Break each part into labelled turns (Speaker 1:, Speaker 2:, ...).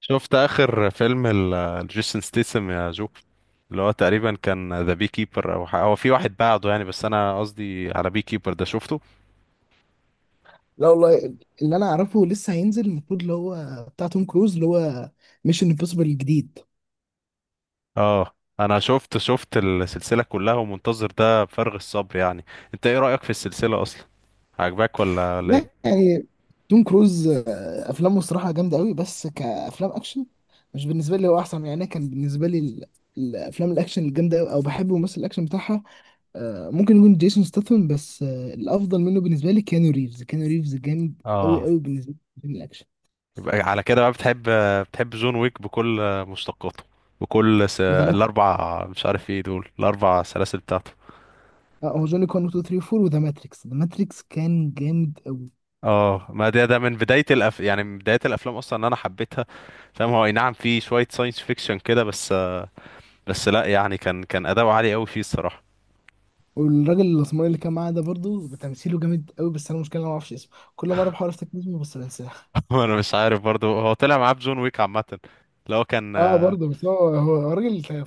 Speaker 1: شفت اخر فيلم لجيسون ستيسم يا جو، اللي هو تقريبا كان ذا بي كيبر، او هو في واحد بعده يعني، بس انا قصدي على بي كيبر ده شفته.
Speaker 2: لا والله. اللي انا اعرفه لسه هينزل، المفروض اللي هو بتاع توم كروز اللي هو ميشن امبوسيبل الجديد.
Speaker 1: اه. انا شفت السلسله كلها، ومنتظر ده بفارغ الصبر يعني. انت ايه رايك في السلسله اصلا؟ عجباك ولا
Speaker 2: لا
Speaker 1: ايه؟
Speaker 2: يعني، توم كروز افلامه الصراحه جامده قوي، بس كافلام اكشن مش بالنسبه لي هو احسن يعني. أنا كان بالنسبه لي الافلام الاكشن الجامده أوي، او بحب ممثل الاكشن بتاعها. ممكن يكون جيسون ستاثام، بس الافضل منه بالنسبه لي كيانو ريفز. كيانو ريفز جامد قوي
Speaker 1: اه،
Speaker 2: قوي بالنسبه لي في الفيلم الاكشن.
Speaker 1: يبقى على كده بقى بتحب جون ويك بكل مشتقاته،
Speaker 2: وذا ماتريكس.
Speaker 1: الاربع، مش عارف ايه دول، الاربع سلاسل بتاعته.
Speaker 2: اه هو جوني كون 2 3 4، وذا ماتريكس. ذا ماتريكس كان جامد.
Speaker 1: اه، ما ده من يعني من بداية الأفلام أصلا إن أنا حبيتها، فاهم، هو أي نعم في شوية ساينس فيكشن كده بس، بس لأ يعني كان أداؤه عالي أوي فيه الصراحة.
Speaker 2: والراجل الاسمراني اللي كان معاه ده برضه تمثيله جامد قوي، بس انا المشكله إن انا ما اعرفش اسمه، كل مره بحاول افتكر اسمه بس بنساه.
Speaker 1: وأنا مش عارف برضه هو طلع معاه بجون ويك عامة، اللي هو كان.
Speaker 2: اه برضه، بس هو راجل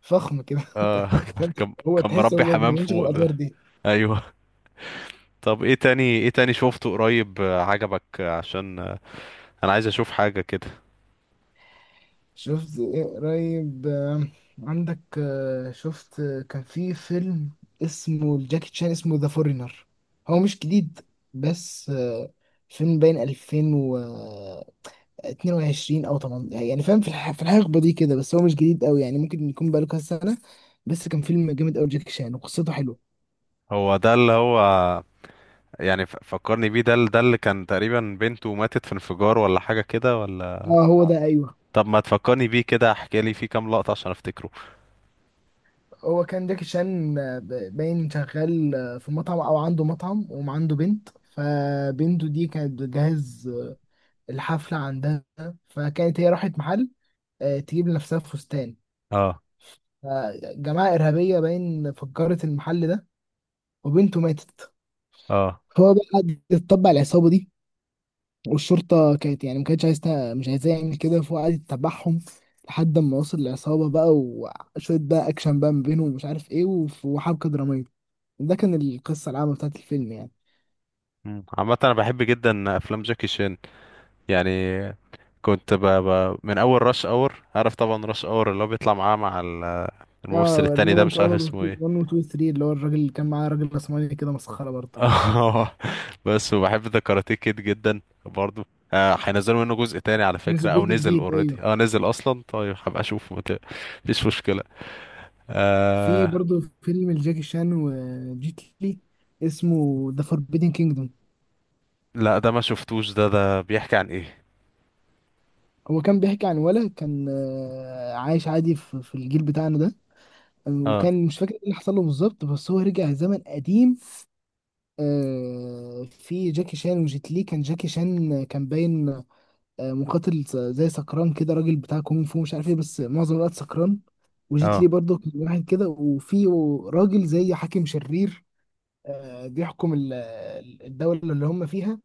Speaker 2: فخم كده
Speaker 1: آه،
Speaker 2: فانت
Speaker 1: كان
Speaker 2: هو
Speaker 1: كان
Speaker 2: تحس
Speaker 1: مربي
Speaker 2: هو ما
Speaker 1: حمام
Speaker 2: بيعملش غير
Speaker 1: فوق
Speaker 2: الادوار
Speaker 1: ده.
Speaker 2: دي.
Speaker 1: أيوه. طب إيه تاني، إيه تاني شوفته قريب، عجبك، آه، عشان آه، أنا عايز أشوف حاجة كده.
Speaker 2: شفت ايه قريب؟ عندك شفت كان في فيلم اسمه الجاكي تشان، اسمه ذا فورينر. هو مش جديد، بس فيلم باين 2000 22 او 18 يعني، فاهم؟ في الحقبه دي كده، بس هو مش جديد قوي يعني، ممكن يكون بقاله كذا سنه. بس كان فيلم جامد قوي، جاكي شان وقصته حلوه.
Speaker 1: هو ده اللي هو، يعني فكرني بيه ده، ده اللي كان تقريبا بنته ماتت في انفجار، ولا حاجة كده ولا؟
Speaker 2: اه هو ده، ايوه.
Speaker 1: طب ما تفكرني بيه كده، احكي لي فيه كام لقطة عشان افتكره.
Speaker 2: هو كان جاكي شان باين شغال في مطعم، او عنده مطعم، وعنده بنت. فبنته دي كانت بتجهز الحفله عندها، فكانت هي راحت محل تجيب لنفسها فستان.
Speaker 1: اه،
Speaker 2: فجماعه ارهابيه باين فجرت المحل ده، وبنته ماتت.
Speaker 1: اه.
Speaker 2: هو بقى قعد يتطبع العصابه دي، والشرطة كانت يعني ما كانتش عايزة، مش عايزاه يعمل كده، فهو قعد يتبعهم لحد ما وصل للعصابة بقى. وشوية بقى أكشن بقى ما بينه ومش عارف إيه، وحبكة درامية. ده كان القصة العامة بتاعت الفيلم يعني.
Speaker 1: عامة انا بحب جدا افلام جاكي شان، يعني كنت من اول راش اور، عارف طبعا راش اور اللي هو بيطلع معاه مع الممثل
Speaker 2: اه اللي
Speaker 1: التاني
Speaker 2: هو
Speaker 1: ده،
Speaker 2: رش
Speaker 1: مش عارف
Speaker 2: اونر 1
Speaker 1: اسمه
Speaker 2: و
Speaker 1: ايه.
Speaker 2: 2 3، اللي هو الراجل اللي كان معاه، راجل راسمالي كده، مسخرة برضه.
Speaker 1: اه. بس وبحب ذا كاراتيه كيد جدا برضو. هينزلوا منه جزء تاني على فكرة،
Speaker 2: نزل
Speaker 1: او
Speaker 2: جزء
Speaker 1: نزل
Speaker 2: جديد،
Speaker 1: اوريدي؟
Speaker 2: ايوه.
Speaker 1: اه، نزل اصلا، طيب هبقى اشوفه، مفيش مشكلة.
Speaker 2: في
Speaker 1: آه...
Speaker 2: برضه فيلم لجاكي شان وجيت لي، اسمه ذا فوربيدن كينجدوم.
Speaker 1: لا ده ما شفتوش، ده بيحكي عن ايه؟
Speaker 2: هو كان بيحكي عن ولد كان عايش عادي في الجيل بتاعنا ده.
Speaker 1: اه،
Speaker 2: وكان مش فاكر ايه اللي حصل له بالظبط، بس هو رجع زمن قديم. في جاكي شان وجيت لي. كان جاكي شان كان باين مقاتل زي سكران كده، راجل بتاع كونغ فو مش عارف ايه، بس معظم الوقت سكران. وجيت لي
Speaker 1: اه.
Speaker 2: برضه كان واحد كده، وفي راجل زي حاكم شرير بيحكم الدولة اللي هم فيها،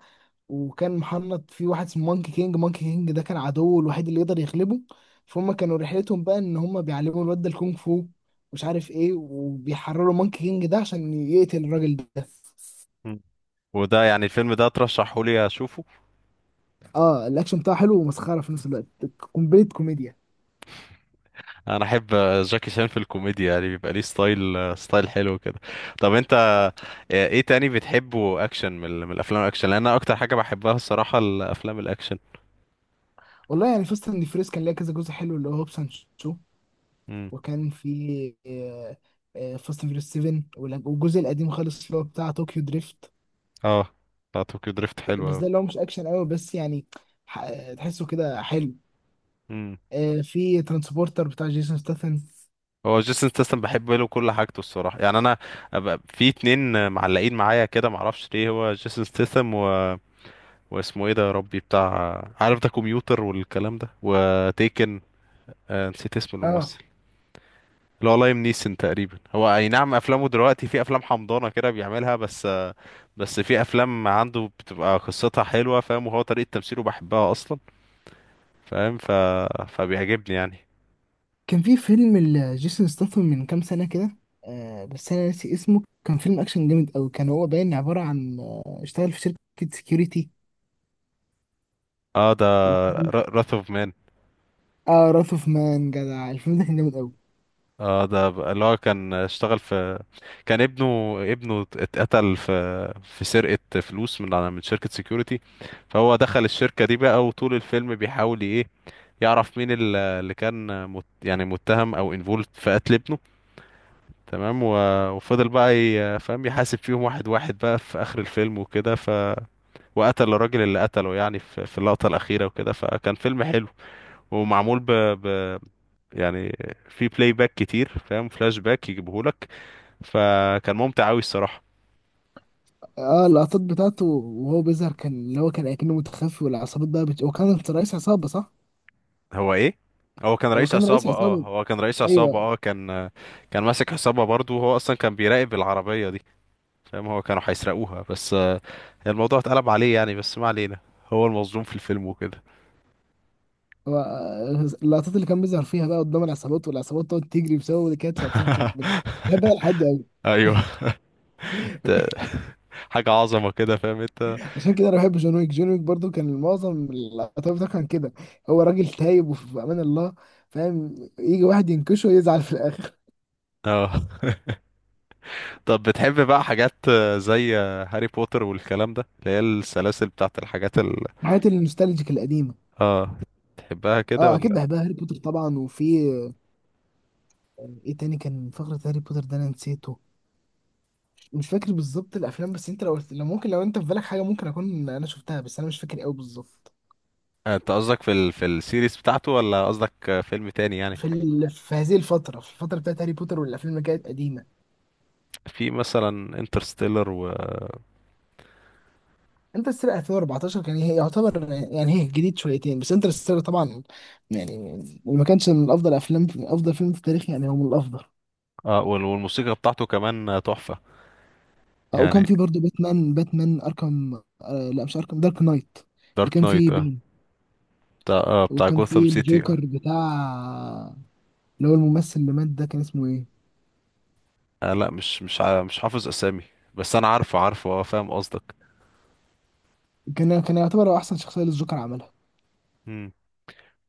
Speaker 2: وكان محنط في واحد اسمه مونكي كينج. مونكي كينج ده كان عدوه الوحيد اللي يقدر يغلبه. فهم كانوا رحلتهم بقى ان هم بيعلموا الواد ده الكونغ فو، مش عارف ايه، وبيحرروا مونكي كينج ده عشان يقتل الراجل ده.
Speaker 1: وده يعني الفيلم ده ترشحه لي اشوفه؟
Speaker 2: اه الاكشن بتاعه حلو ومسخره في نفس الوقت، كومبليت كوميديا.
Speaker 1: انا احب جاكي شان في الكوميديا، يعني بيبقى ليه ستايل، ستايل حلو كده. طب انت، ايه تاني بتحبه اكشن من من الافلام الاكشن؟ لان انا اكتر حاجه بحبها الصراحه الافلام الاكشن.
Speaker 2: والله يعني، فاست اند فيريس كان ليها كذا جزء حلو، اللي هو هوبس اند شو.
Speaker 1: امم.
Speaker 2: وكان في فاست اند فيريس 7، والجزء القديم خالص اللي هو بتاع طوكيو دريفت.
Speaker 1: اه، بتاع طوكيو دريفت حلو
Speaker 2: بس
Speaker 1: قوي.
Speaker 2: ده اللي هو مش اكشن قوي، بس يعني تحسه كده حلو.
Speaker 1: امم.
Speaker 2: في ترانسبورتر بتاع جيسون ستاثام.
Speaker 1: هو جيسون ستاثام بحب له كل حاجته الصراحه، يعني انا أبقى في اتنين معلقين معايا كده، معرفش ليه، هو جيسون ستاثام و... واسمه ايه ده يا ربي؟ بتاع، عارف، ده كمبيوتر والكلام ده، وتيكن. نسيت اسم
Speaker 2: اه
Speaker 1: الممثل، اللي هو لايم نيسون تقريبا. هو اي نعم افلامه دلوقتي في افلام حمضانه كده بيعملها بس، بس في افلام عنده بتبقى قصتها حلوه، فاهم، وهو طريقه تمثيله بحبها اصلا، فاهم، فبيعجبني يعني.
Speaker 2: كان في فيلم لجيسون ستاثام من كام سنة كده، بس أنا ناسي اسمه. كان فيلم أكشن جامد أوي، كان هو باين عبارة عن اشتغل في شركة سكيورتي،
Speaker 1: اه، ده
Speaker 2: وكان.
Speaker 1: راث اوف مان.
Speaker 2: اه راث اوف مان، جدع الفيلم ده كان جامد أوي.
Speaker 1: اه، ده اللي هو كان اشتغل في، كان ابنه اتقتل في سرقه فلوس من شركه سيكوريتي، فهو دخل الشركه دي بقى، وطول الفيلم بيحاول ايه، يعرف مين اللي كان يعني متهم او انفولد في قتل ابنه، تمام، و... وفضل بقى فاهم يحاسب فيهم واحد واحد بقى في آخر الفيلم وكده، وقتل الراجل اللي قتله يعني، في اللقطة الأخيرة وكده، فكان فيلم حلو، ومعمول ب... يعني في بلاي باك كتير، فاهم، فلاش باك يجيبهولك، فكان ممتع أوي الصراحة.
Speaker 2: اه اللقطات بتاعته وهو بيظهر، كان اللي هو كان أكنه متخفي، والعصابات بقى هو كان رئيس عصابة، صح؟
Speaker 1: هو إيه؟ هو كان
Speaker 2: هو
Speaker 1: رئيس
Speaker 2: كان رئيس
Speaker 1: عصابة، اه،
Speaker 2: عصابة،
Speaker 1: هو كان رئيس عصابة،
Speaker 2: أيوه.
Speaker 1: اه، كان ماسك عصابة برضه، وهو أصلا كان بيراقب العربية دي، فاهم، هو كانوا هيسرقوها بس، الموضوع اتقلب عليه يعني، بس ما علينا، هو المظلوم في الفيلم وكده.
Speaker 2: هو اللقطات اللي كان بيظهر فيها بقى قدام العصابات، والعصابات تقعد تجري بسببه، دي كانت لقطات بحبها لحد أوي.
Speaker 1: ايوه. ت- حاجة عظمة كده، فاهم انت؟
Speaker 2: عشان كده انا بحب جون ويك. جون ويك برضه كان معظم العتاوله بتاعه كان كده، هو راجل تايب وفي امان الله، فاهم؟ يجي واحد ينكشه ويزعل في الاخر.
Speaker 1: اه، طب بتحب بقى حاجات، زي، هاري بوتر والكلام ده، اللي هي السلاسل بتاعت الحاجات ال…
Speaker 2: الحاجات النوستالجيك القديمه،
Speaker 1: اه، تحبها كده
Speaker 2: اه اكيد
Speaker 1: ولا؟
Speaker 2: بحبها. هاري بوتر طبعا، وفي ايه تاني كان فقره هاري بوتر ده انا نسيته، مش فاكر بالظبط الافلام. بس انت لو ممكن، لو انت في بالك حاجه ممكن اكون انا شفتها، بس انا مش فاكر قوي بالظبط.
Speaker 1: انت قصدك في في السيريز بتاعته، ولا قصدك فيلم تاني يعني؟
Speaker 2: في هذه الفتره، في الفتره بتاعت هاري بوتر والافلام اللي كانت قديمه.
Speaker 1: في مثلا انترستيلر و...
Speaker 2: انترستيلر 2014 كان هي يعتبر يعني، هي جديد شويتين، بس انترستيلر طبعا يعني، وما كانش من افضل فيلم في التاريخ يعني، هو من الافضل.
Speaker 1: اه، وال- والموسيقى بتاعته كمان، تحفة يعني.
Speaker 2: وكان في برضه باتمان اركم، آه لا مش اركم، دارك نايت، اللي
Speaker 1: دارك
Speaker 2: كان
Speaker 1: نايت،
Speaker 2: فيه
Speaker 1: اه،
Speaker 2: بين.
Speaker 1: بتاع، بتاع
Speaker 2: وكان
Speaker 1: جوثام
Speaker 2: فيه
Speaker 1: سيتي.
Speaker 2: الجوكر بتاع، اللي هو الممثل اللي مات ده كان اسمه ايه؟
Speaker 1: لا، مش مش حافظ اسامي، بس انا عارفه عارفه، اه، فاهم قصدك.
Speaker 2: كان يعتبر هو احسن شخصيه للجوكر عملها.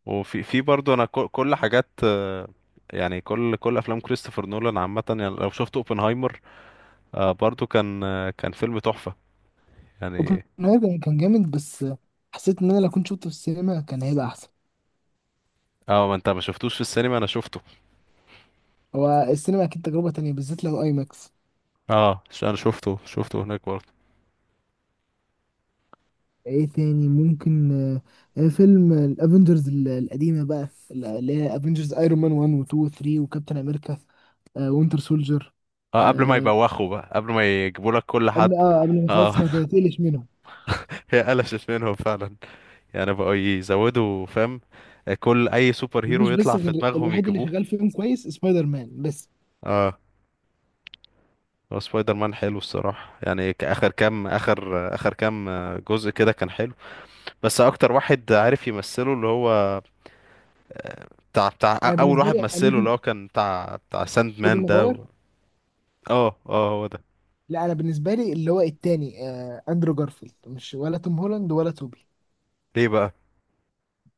Speaker 1: وفي برضه، انا كل حاجات، يعني كل افلام كريستوفر نولان عامه، يعني لو شفت اوبنهايمر، برضه كان، كان فيلم تحفه يعني.
Speaker 2: اوبنهايمر كان جامد، بس حسيت ان انا لو كنت شفته في السينما كان هيبقى احسن.
Speaker 1: اه، ما انت ما شفتوش في السينما، انا شفته.
Speaker 2: هو السينما اكيد تجربه تانية، بالذات لو اي ماكس.
Speaker 1: اه، انا شفته هناك برضه.
Speaker 2: ايه تاني ممكن فيلم الافنجرز القديمه بقى، اللي هي افنجرز، ايرون مان 1 و 2 و 3، وكابتن امريكا وينتر سولجر.
Speaker 1: اه، قبل ما يبوخوا بقى، قبل ما يجيبوا لك كل حد.
Speaker 2: قبل ما
Speaker 1: اه.
Speaker 2: خلاص، ما تقلش منهم.
Speaker 1: هي قلشت منهم فعلا، يعني بقوا يزودوا، فاهم، كل اي سوبر هيرو
Speaker 2: مفيش
Speaker 1: يطلع
Speaker 2: بس
Speaker 1: في
Speaker 2: غير
Speaker 1: دماغهم
Speaker 2: الوحيد اللي
Speaker 1: يجيبوه.
Speaker 2: شغال فيهم كويس سبايدر مان بس.
Speaker 1: اه، هو سبايدر مان حلو الصراحه، يعني اخر كام اخر اخر كام، جزء كده كان حلو، بس اكتر واحد عارف يمثله اللي هو بتاع
Speaker 2: انا
Speaker 1: اول
Speaker 2: بالنسبه
Speaker 1: واحد
Speaker 2: لي
Speaker 1: مثله، اللي
Speaker 2: اميزنج،
Speaker 1: هو كان بتاع ساند
Speaker 2: توبي
Speaker 1: مان ده
Speaker 2: ماجواير.
Speaker 1: و… اه، اه، هو ده.
Speaker 2: لا، انا بالنسبه لي اللي هو التاني، اندرو جارفيلد، مش ولا توم هولاند ولا توبي.
Speaker 1: ليه بقى؟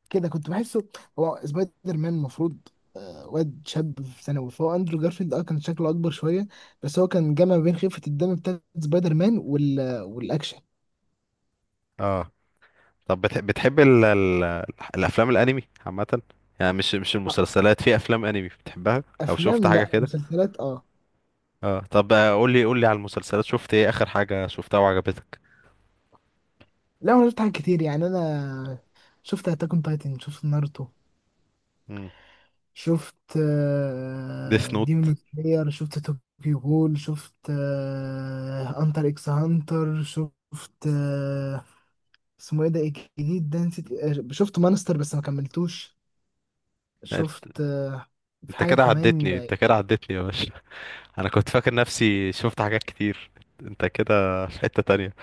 Speaker 2: كده كنت بحسه. هو سبايدر مان المفروض واد شاب في ثانوي، فهو اندرو جارفيلد اه كان شكله اكبر شويه، بس هو كان جمع ما بين خفه الدم بتاعت سبايدر مان والاكشن.
Speaker 1: اه، طب بتحب الافلام الانمي عامه؟ يعني مش
Speaker 2: لا،
Speaker 1: المسلسلات، في افلام انمي بتحبها او شفت
Speaker 2: افلام،
Speaker 1: حاجه
Speaker 2: لا
Speaker 1: كده؟
Speaker 2: مسلسلات اه.
Speaker 1: اه، طب، قول لي على المسلسلات، شفت ايه اخر حاجه شفتها وعجبتك؟
Speaker 2: لا انا شفت حاجات كتير يعني، انا شفت اتاك اون تايتن، شفت ناruto،
Speaker 1: امم.
Speaker 2: شفت
Speaker 1: ديس نوت.
Speaker 2: ديمون سلاير، شفت توكيو غول، شفت انتر اكس هانتر، شفت اسمه ايه ده؟ إيه الجديد ده نسيت. شفت مانستر بس ما كملتوش. شفت في
Speaker 1: انت
Speaker 2: حاجة
Speaker 1: كده
Speaker 2: كمان.
Speaker 1: عدتني، انت كده عدتني يا باشا، انا كنت فاكر نفسي شفت حاجات كتير، انت كده في حتة تانية.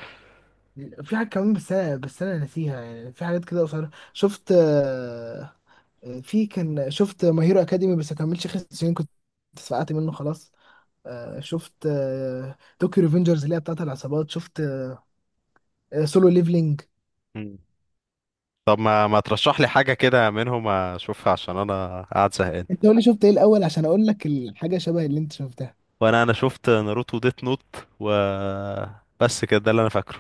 Speaker 2: في حاجة كمان، بس أنا ناسيها يعني. في حاجات كده قصيرة شفت في كان شفت ماي هيرو أكاديمي، بس ما كملش 5 سنين كنت اتفقعت منه خلاص. شفت طوكيو ريفنجرز اللي هي بتاعت العصابات، شفت سولو ليفلينج.
Speaker 1: طب ما ترشح لي حاجة كده منهم اشوفها، عشان انا قاعد زهقان.
Speaker 2: انت قول لي شفت ايه الأول، عشان أقول لك الحاجة شبه اللي انت شفتها.
Speaker 1: وانا انا شفت ناروتو وديت نوت و… بس كده، ده اللي انا فاكره،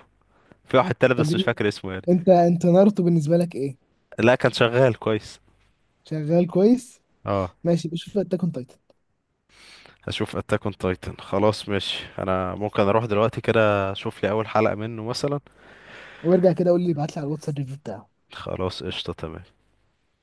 Speaker 1: في واحد تالت
Speaker 2: طب
Speaker 1: بس مش فاكر اسمه يعني.
Speaker 2: انت ناruto بالنسبة لك ايه؟
Speaker 1: لا، كان شغال كويس.
Speaker 2: شغال كويس؟
Speaker 1: اه،
Speaker 2: ماشي، بشوف اتاك اون تايتن
Speaker 1: هشوف اتاك اون تايتن، خلاص ماشي، انا ممكن اروح دلوقتي كده اشوف لي اول حلقة منه مثلا.
Speaker 2: وارجع كده قول لي، ابعت لي على الواتساب الريفيو بتاعه.
Speaker 1: خلاص قشطة تمام.